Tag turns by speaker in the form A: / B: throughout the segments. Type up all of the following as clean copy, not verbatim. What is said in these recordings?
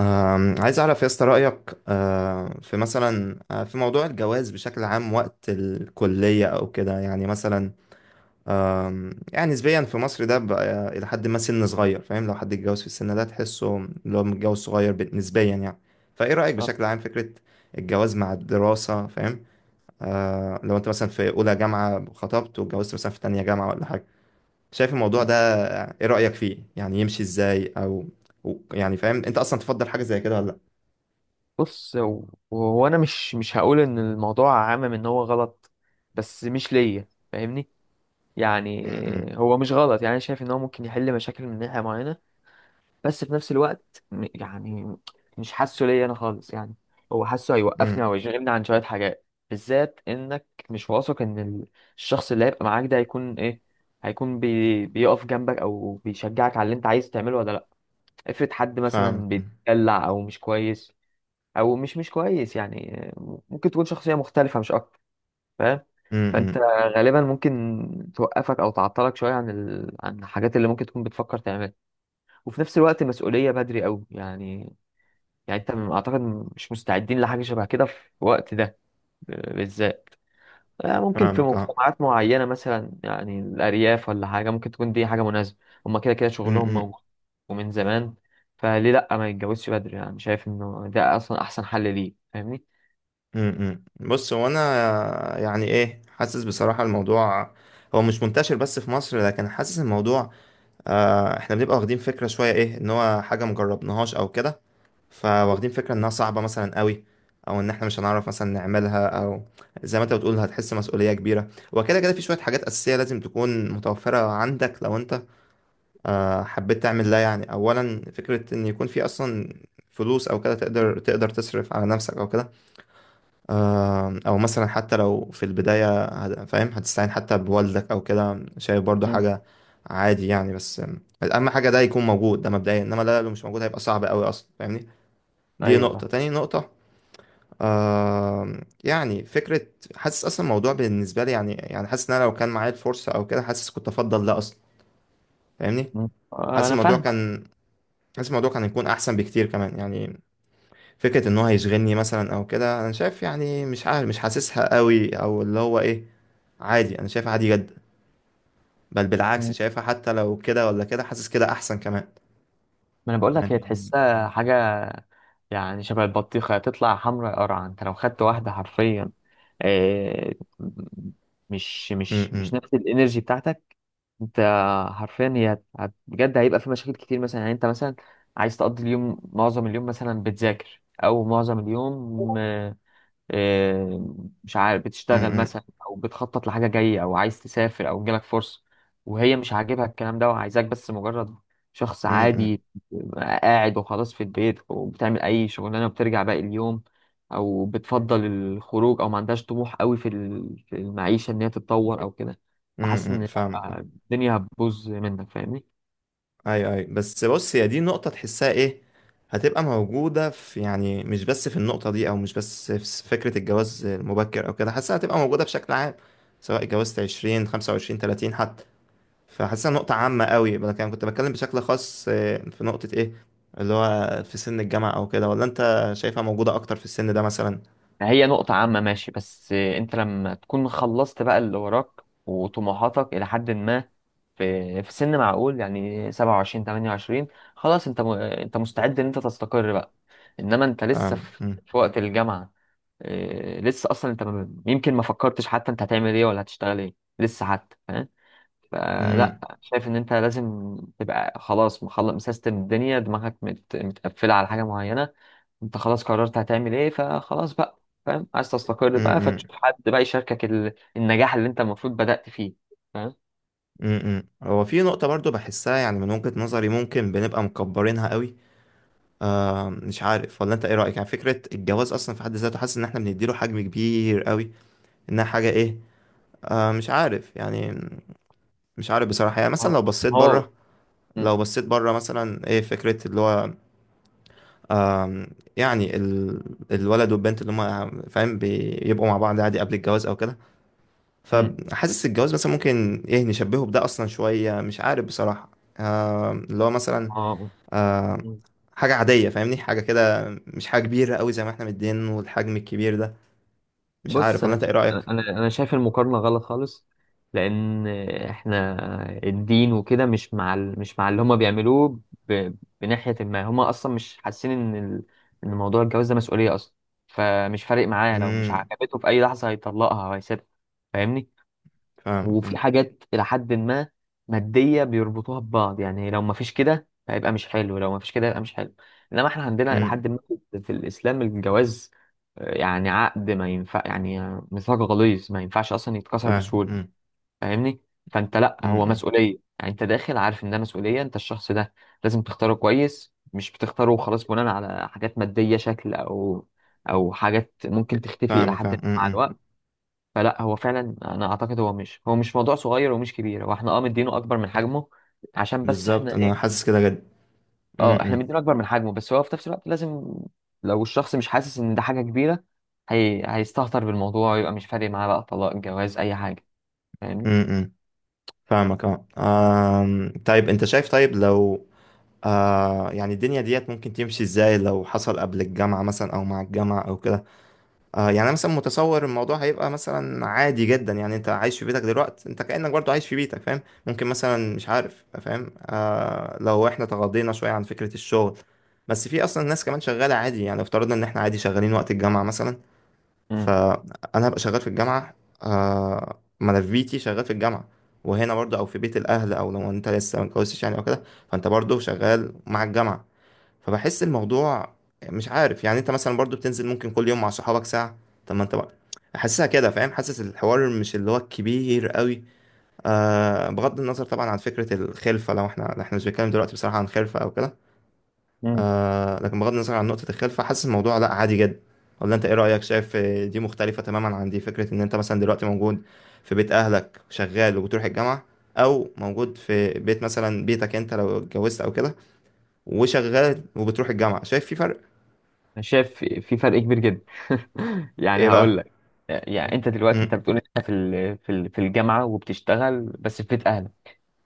A: عايز أعرف يا اسطى رأيك في مثلا في موضوع الجواز بشكل عام وقت الكلية أو كده يعني مثلا. يعني نسبيا في مصر ده بقى إلى حد ما سن صغير. فاهم، لو حد اتجوز في السن ده تحسه اللي هو متجوز صغير نسبيا يعني. فإيه رأيك
B: آه.
A: بشكل عام، فكرة الجواز مع الدراسة؟ فاهم. لو أنت مثلا في أولى جامعة خطبت واتجوزت مثلا في تانية جامعة ولا حاجة، شايف الموضوع
B: مم.
A: ده؟ إيه رأيك فيه؟ يعني يمشي إزاي، أو أو يعني فاهم أنت أصلا تفضل حاجة زي كده ولا لأ؟
B: بص وهو انا مش هقول ان الموضوع عامم ان هو غلط، بس مش ليا فاهمني. يعني
A: م- م.
B: هو مش غلط، يعني انا شايف ان هو ممكن يحل مشاكل من ناحية معينة، بس في نفس الوقت يعني مش حاسه ليا انا خالص يعني. هو حاسه هيوقفني
A: امم.
B: او يشغلني عن شوية حاجات، بالذات انك مش واثق ان الشخص اللي هيبقى معاك ده هيكون ايه. هيكون بيقف جنبك او بيشجعك على اللي انت عايز تعمله ولا لا. افرض حد
A: فاهمك.
B: مثلا بيتدلع او مش كويس، او مش كويس يعني. ممكن تكون شخصيه مختلفه مش اكتر، فاهم. فانت
A: امم.
B: غالبا ممكن توقفك او تعطلك شويه عن عن الحاجات اللي ممكن تكون بتفكر تعملها، وفي نفس الوقت مسؤوليه بدري قوي يعني. يعني انت اعتقد مش مستعدين لحاجه شبه كده في الوقت ده، بالذات. ممكن في
A: فاهمك، اه.
B: مجتمعات معينه مثلا، يعني الارياف ولا حاجه، ممكن تكون دي حاجه مناسبه. هما كده كده شغلهم
A: امم.
B: موجود ومن زمان. فليه لا ما يتجوزش بدري، يعني شايف انه ده اصلا احسن حل ليه فاهمني.
A: امم. بص، هو انا يعني ايه، حاسس بصراحة الموضوع هو مش منتشر بس في مصر، لكن حاسس الموضوع احنا بنبقى واخدين فكرة شوية، ايه ان هو حاجة مجربناهاش او كده، فواخدين فكرة انها صعبة مثلا قوي، او ان احنا مش هنعرف مثلا نعملها، او زي ما انت بتقول هتحس مسؤولية كبيرة، وكده كده في شوية حاجات اساسية لازم تكون متوفرة عندك لو انت حبيت تعمل ده. يعني اولا فكره ان يكون في اصلا فلوس او كده، تقدر تصرف على نفسك او كده. او مثلا حتى لو في البدايه فاهم، هتستعين حتى بوالدك او كده، شايف برضو حاجه عادي يعني، بس اهم حاجه ده يكون موجود، ده مبدئيا، انما ده لو مش موجود هيبقى صعب قوي اصلا، فاهمني. دي
B: ايوه
A: نقطه.
B: فاهم.
A: تاني نقطه، يعني فكره، حاسس اصلا الموضوع بالنسبه لي، يعني حاسس ان انا لو كان معايا الفرصه او كده، حاسس كنت افضل ده اصلا، فاهمني.
B: مم. آه،
A: حاسس
B: انا
A: الموضوع
B: فاهمك.
A: كان حاسس الموضوع كان هيكون احسن بكتير كمان يعني. فكره ان هو هيشغلني مثلا او كده، انا شايف يعني، مش عارف، مش حاسسها قوي، او اللي هو ايه. عادي، انا شايفها عادي جدا. بل بالعكس،
B: مم.
A: شايفها حتى لو كده ولا كده، حاسس كده احسن كمان
B: ما انا بقول لك هي
A: يعني.
B: تحسها حاجه. يعني شبه البطيخه تطلع حمراء قرعه، انت لو خدت واحده حرفيا، آه، مش
A: امم.
B: نفس الانرجي بتاعتك انت. حرفيا هي بجد هيبقى في مشاكل كتير مثلا. يعني انت مثلا عايز تقضي اليوم، معظم اليوم مثلا بتذاكر، او معظم اليوم، آه، مش عارف، بتشتغل
A: امم.
B: مثلا او بتخطط لحاجه جايه او عايز تسافر او جالك فرصه، وهي مش عاجبها الكلام ده وعايزاك بس مجرد شخص
A: امم.
B: عادي قاعد وخلاص في البيت، وبتعمل اي شغلانه وبترجع باقي اليوم، او بتفضل الخروج، او ما عندهاش طموح قوي في في المعيشه ان هي تتطور او كده. فحاسس ان،
A: امم. فاهمك،
B: لأ، الدنيا هتبوظ منك فاهمني.
A: اي اي، بس بص، هي دي نقطه تحسها ايه، هتبقى موجوده في، يعني مش بس في النقطه دي، او مش بس في فكره الجواز المبكر او كده، حاسسها هتبقى موجوده بشكل عام، سواء اتجوزت 20، 25، 30 حتى. فحاسسها نقطة عامة قوي. انا كنت بتكلم بشكل خاص، في نقطة ايه، اللي هو في سن الجامعة او كده، ولا انت شايفها موجودة اكتر في السن ده مثلا؟
B: هي نقطة عامة ماشي، بس انت لما تكون خلصت بقى اللي وراك وطموحاتك إلى حد ما، في سن معقول يعني 27 28، خلاص انت انت مستعد ان انت تستقر بقى. انما انت لسه
A: فاهم. مم.
B: في وقت الجامعة. لسه اصلا انت يمكن ما فكرتش حتى انت هتعمل ايه ولا هتشتغل ايه لسه حتى، فاهم.
A: مم.
B: فلا، شايف ان انت لازم تبقى خلاص مخلص مسيستم الدنيا، دماغك متقفلة على حاجة معينة، انت خلاص قررت هتعمل ايه فخلاص بقى، فاهم. عايز تستقر بقى
A: مم.
B: فتشوف حد بقى يشاركك النجاح اللي انت المفروض بدأت فيه، فاهم.
A: مم. مم. هو في نقطة برضو بحسها، يعني من وجهة نظري ممكن بنبقى مكبرينها قوي. مش عارف ولا انت ايه رأيك، يعني فكرة الجواز اصلا في حد ذاته، حاسس ان احنا بنديله حجم كبير قوي، انها حاجة ايه. مش عارف يعني، مش عارف بصراحة. يعني
B: هو
A: مثلا لو بصيت
B: هو-
A: بره، لو بصيت بره مثلا، ايه فكرة اللي هو آم، يعني الولد والبنت اللي هما فاهم بيبقوا مع بعض عادي قبل الجواز او كده.
B: مم.
A: فحاسس الجواز مثلا ممكن ايه، نشبهه بده اصلا شوية، مش عارف بصراحة. اللي هو مثلا،
B: اه.
A: آم،
B: مم.
A: حاجة عادية، فاهمني، حاجة كده. مش حاجة كبيرة قوي زي ما احنا مدين والحجم الكبير ده. مش
B: بص
A: عارف، ولا
B: انا
A: انت ايه رأيك؟
B: انا شايف المقارنه غلط خالص. لان احنا الدين وكده مش مع مش مع اللي هما بيعملوه، ب... بناحيه ما، هما اصلا مش حاسين ان ان موضوع الجواز ده مسؤوليه اصلا. فمش فارق معاه، لو مش
A: امم.
B: عجبته في اي لحظه هيطلقها وهيسيبها فاهمني.
A: فاهم.
B: وفي
A: امم.
B: حاجات إلى حد ما مادية بيربطوها ببعض، يعني لو ما فيش كده هيبقى مش حلو، لو ما فيش كده هيبقى مش حلو. إنما إحنا عندنا إلى
A: أمم.
B: حد ما في الإسلام الجواز، يعني عقد ما ينفع يعني، ميثاق غليظ ما ينفعش أصلا يتكسر
A: فاهم.
B: بسهولة
A: امم.
B: فاهمني. فأنت، لأ،
A: أمم.
B: هو
A: أمم.
B: مسؤولية يعني، أنت داخل عارف إن ده مسؤولية. أنت الشخص ده لازم تختاره كويس، مش بتختاره وخلاص بناء على حاجات مادية، شكل، أو حاجات ممكن تختفي إلى
A: فاهمك.
B: حد
A: فاهم.
B: ما
A: امم.
B: مع
A: أمم.
B: الوقت. فلا هو فعلا انا اعتقد، هو مش موضوع صغير ومش كبير، هو احنا اه مدينه اكبر من حجمه عشان بس
A: بالظبط،
B: احنا
A: انا
B: ايه.
A: حاسس كده جد.
B: اه احنا
A: امم.
B: مدينه اكبر من حجمه، بس هو في نفس الوقت لازم، لو الشخص مش حاسس ان ده حاجه كبيره، هيستهتر بالموضوع ويبقى مش فارق معاه بقى، طلاق جواز اي حاجه فاهمني.
A: أمم. أمم. فاهمك، اه. طيب انت شايف، طيب لو يعني الدنيا ديت ممكن تمشي ازاي لو حصل قبل الجامعة مثلا، او مع الجامعة او كده؟ يعني انا مثلا متصور الموضوع هيبقى مثلا عادي جدا، يعني انت عايش في بيتك دلوقتي، انت كأنك برضو عايش في بيتك فاهم. ممكن مثلا، مش عارف فاهم، لو احنا تغاضينا شوية عن فكرة الشغل، بس في اصلا ناس كمان شغالة عادي، يعني افترضنا ان احنا عادي شغالين وقت الجامعة مثلا.
B: امم.
A: فانا هبقى شغال في الجامعه. ملفيتي شغال في الجامعه، وهنا برضو، او في بيت الاهل، او لو انت لسه ما اتجوزتش يعني او كده، فانت برضو شغال مع الجامعه. فبحس الموضوع، مش عارف يعني، انت مثلا برضو بتنزل ممكن كل يوم مع صحابك ساعه. طب ما انت بقى حاسسها كده فاهم، حاسس الحوار مش اللي هو الكبير قوي. بغض النظر طبعا عن فكره الخلفه، لو احنا مش بنتكلم دلوقتي بصراحه عن خلفه او كده.
B: امم.
A: لكن بغض النظر عن نقطة الخلفة، فحاسس الموضوع لا، عادي جدا. ولا انت ايه رأيك؟ شايف دي مختلفة تماما عن دي، فكرة ان انت مثلا دلوقتي موجود في بيت اهلك شغال وبتروح الجامعة، او موجود في بيت مثلا بيتك انت لو اتجوزت او كده، وشغال وبتروح الجامعة، شايف في فرق؟
B: انا شايف في فرق كبير جدا.
A: ايه
B: يعني
A: بقى؟
B: هقول لك. يعني انت دلوقتي انت
A: امم.
B: بتقول انت في الجامعه وبتشتغل بس في بيت اهلك.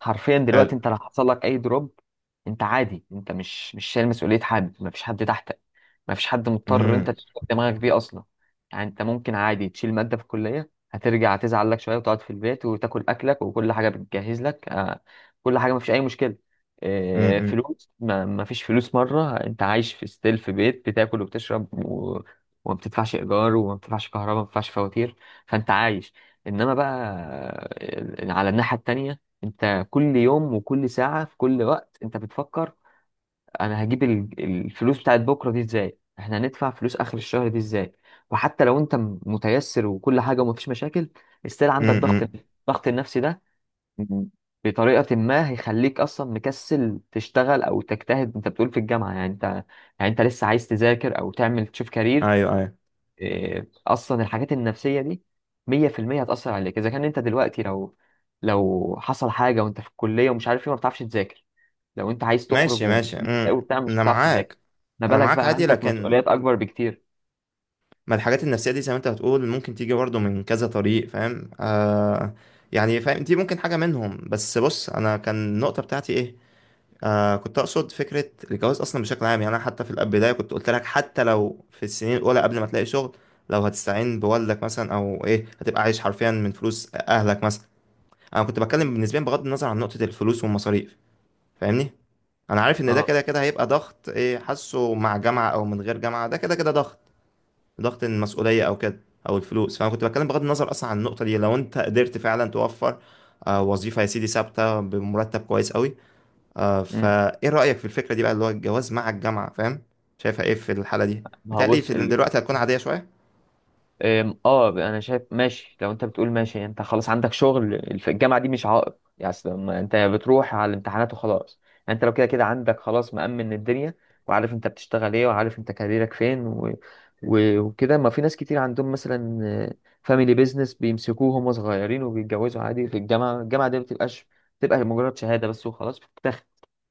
B: حرفيا
A: حلو.
B: دلوقتي انت لو حصل لك اي دروب، انت عادي، انت مش شايل مسؤوليه حد، مفيش حد تحتك، مفيش حد مضطر انت
A: امم.
B: تشغل دماغك بيه اصلا. يعني انت ممكن عادي تشيل ماده في الكليه، هترجع تزعل لك شويه وتقعد في البيت وتاكل اكلك وكل حاجه بتجهز لك، كل حاجه مفيش اي مشكله.
A: امم.
B: فلوس، ما مفيش فلوس مره، انت عايش في ستيل في بيت، بتاكل وبتشرب وما بتدفعش ايجار وما بتدفعش كهرباء ما بتدفعش فواتير. فانت عايش. انما بقى، على الناحيه التانيه، انت كل يوم وكل ساعة في كل وقت انت بتفكر: انا هجيب الفلوس بتاعت بكرة دي ازاي، احنا هندفع فلوس اخر الشهر دي ازاي. وحتى لو انت متيسر وكل حاجة ومفيش مشاكل، استيل عندك ضغط،
A: امم.
B: الضغط النفسي ده م- بطريقة ما هيخليك اصلا مكسل تشتغل او تجتهد. انت بتقول في الجامعة يعني، انت لسه عايز تذاكر او تعمل تشوف كارير،
A: ايوه ايوه.
B: إيه، اصلا الحاجات النفسيه دي 100% هتاثر عليك. اذا كان انت دلوقتي، لو حصل حاجه وانت في الكليه ومش عارف ايه، ما بتعرفش تذاكر، لو انت عايز تخرج
A: ماشي ماشي. امم.
B: وبتاع مش
A: انا
B: بتعرف تذاكر،
A: معاك.
B: ما
A: انا
B: بالك
A: معاك
B: بقى
A: عادي،
B: عندك
A: لكن
B: مسؤوليات اكبر بكتير.
A: ما الحاجات النفسية دي زي ما انت بتقول ممكن تيجي برضه من كذا طريق فاهم، يعني فاهم دي ممكن حاجة منهم، بس بص، انا كان النقطة بتاعتي ايه، كنت اقصد فكرة الجواز اصلا بشكل عام. يعني انا حتى في البداية كنت قلت لك، حتى لو في السنين الاولى قبل ما تلاقي شغل، لو هتستعين بوالدك مثلا او ايه، هتبقى عايش حرفيا من فلوس اهلك مثلا. انا كنت بتكلم نسبيا بغض النظر عن نقطة الفلوس والمصاريف، فاهمني. انا عارف ان ده
B: اه.
A: كده كده هيبقى ضغط ايه، حاسه، مع جامعة او من غير جامعة ده كده كده ضغط، ضغط المسؤولية أو كده، أو الفلوس، فأنا كنت بتكلم بغض النظر أصلا عن النقطة دي. لو أنت قدرت فعلا توفر وظيفة يا سيدي ثابتة بمرتب كويس قوي،
B: أمم.
A: فإيه رأيك في الفكرة دي بقى، اللي هو الجواز مع الجامعة فاهم، شايفها إيه في الحالة دي؟
B: ما هو
A: متهيألي
B: بص
A: في دلوقتي هتكون عادية شوية.
B: اه انا شايف ماشي. لو انت بتقول ماشي يعني انت خلاص عندك شغل، الجامعه دي مش عائق يعني. أصل ما انت بتروح على الامتحانات وخلاص، يعني انت لو كده كده عندك خلاص مأمن الدنيا، وعارف انت بتشتغل ايه وعارف انت كاريرك فين وكده. ما في ناس كتير عندهم مثلا فاميلي بيزنس بيمسكوه هم صغيرين وبيتجوزوا عادي في الجامعه. الجامعه دي ما بتبقاش، بتبقى مجرد شهاده بس وخلاص بتتاخد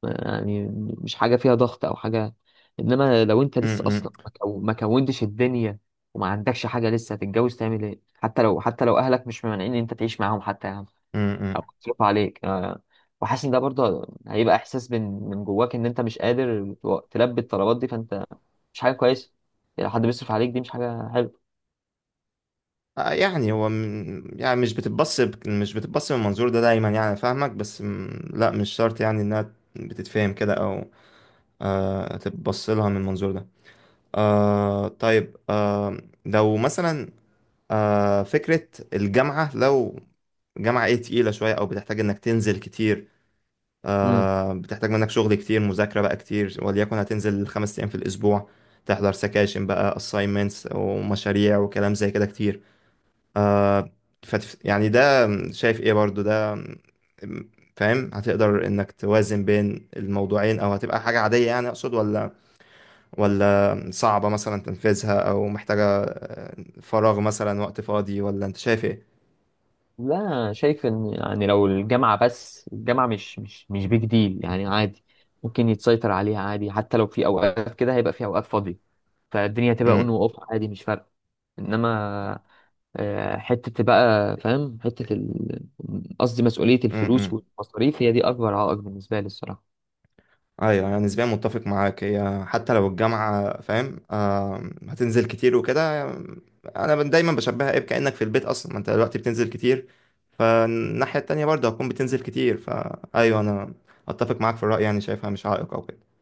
B: يعني. مش حاجه فيها ضغط او حاجه. انما لو انت لسه
A: امم.
B: اصلا ما كونتش الدنيا وما عندكش حاجة لسه، هتتجوز تعمل ايه. حتى لو اهلك مش ممانعين ان انت تعيش معاهم حتى يا عم،
A: امم.
B: او يصرفوا عليك، وحاسس ان ده برضه هيبقى احساس من جواك ان انت مش قادر تلبي الطلبات دي، فانت مش حاجة كويسة. يعني حد بيصرف عليك دي مش حاجة حلوة.
A: يعني هو يعني مش بتتبص من المنظور ده دايما يعني، فاهمك بس لا، مش شرط يعني انها بتتفهم كده، او تتبص لها من المنظور ده. طيب، لو مثلا فكرة الجامعة، لو جامعة ايه تقيلة شوية، او بتحتاج انك تنزل كتير،
B: امم.
A: بتحتاج منك شغل كتير، مذاكرة بقى كتير، وليكن هتنزل 5 ايام في الاسبوع، تحضر سكاشن بقى assignments ومشاريع وكلام زي كده كتير. يعني ده، شايف ايه برضو ده، م- فاهم هتقدر انك توازن بين الموضوعين، او هتبقى حاجة عادية يعني، اقصد، ولا ولا صعبة مثلا تنفيذها، او محتاجة فراغ مثلا، وقت فاضي، ولا انت شايف ايه؟
B: لا، أنا شايف ان يعني، لو الجامعة بس، الجامعة مش بيج ديل يعني عادي، ممكن يتسيطر عليها عادي. حتى لو في اوقات كده، هيبقى في اوقات فاضية فالدنيا تبقى اون واوف عادي مش فارقة. انما حتة بقى فاهم، حتة قصدي مسؤولية الفلوس
A: امم.
B: والمصاريف، هي دي أكبر عائق بالنسبة لي الصراحة.
A: ايوه، يعني نسبيا متفق معاك، هي حتى لو الجامعه فاهم هتنزل كتير وكده. انا دايما بشبهها ايه، كانك في البيت اصلا، ما انت دلوقتي بتنزل كتير، فالناحيه التانيه برضه هتكون بتنزل كتير، فايوه انا اتفق معاك في الراي، يعني شايفها مش عائق او كده.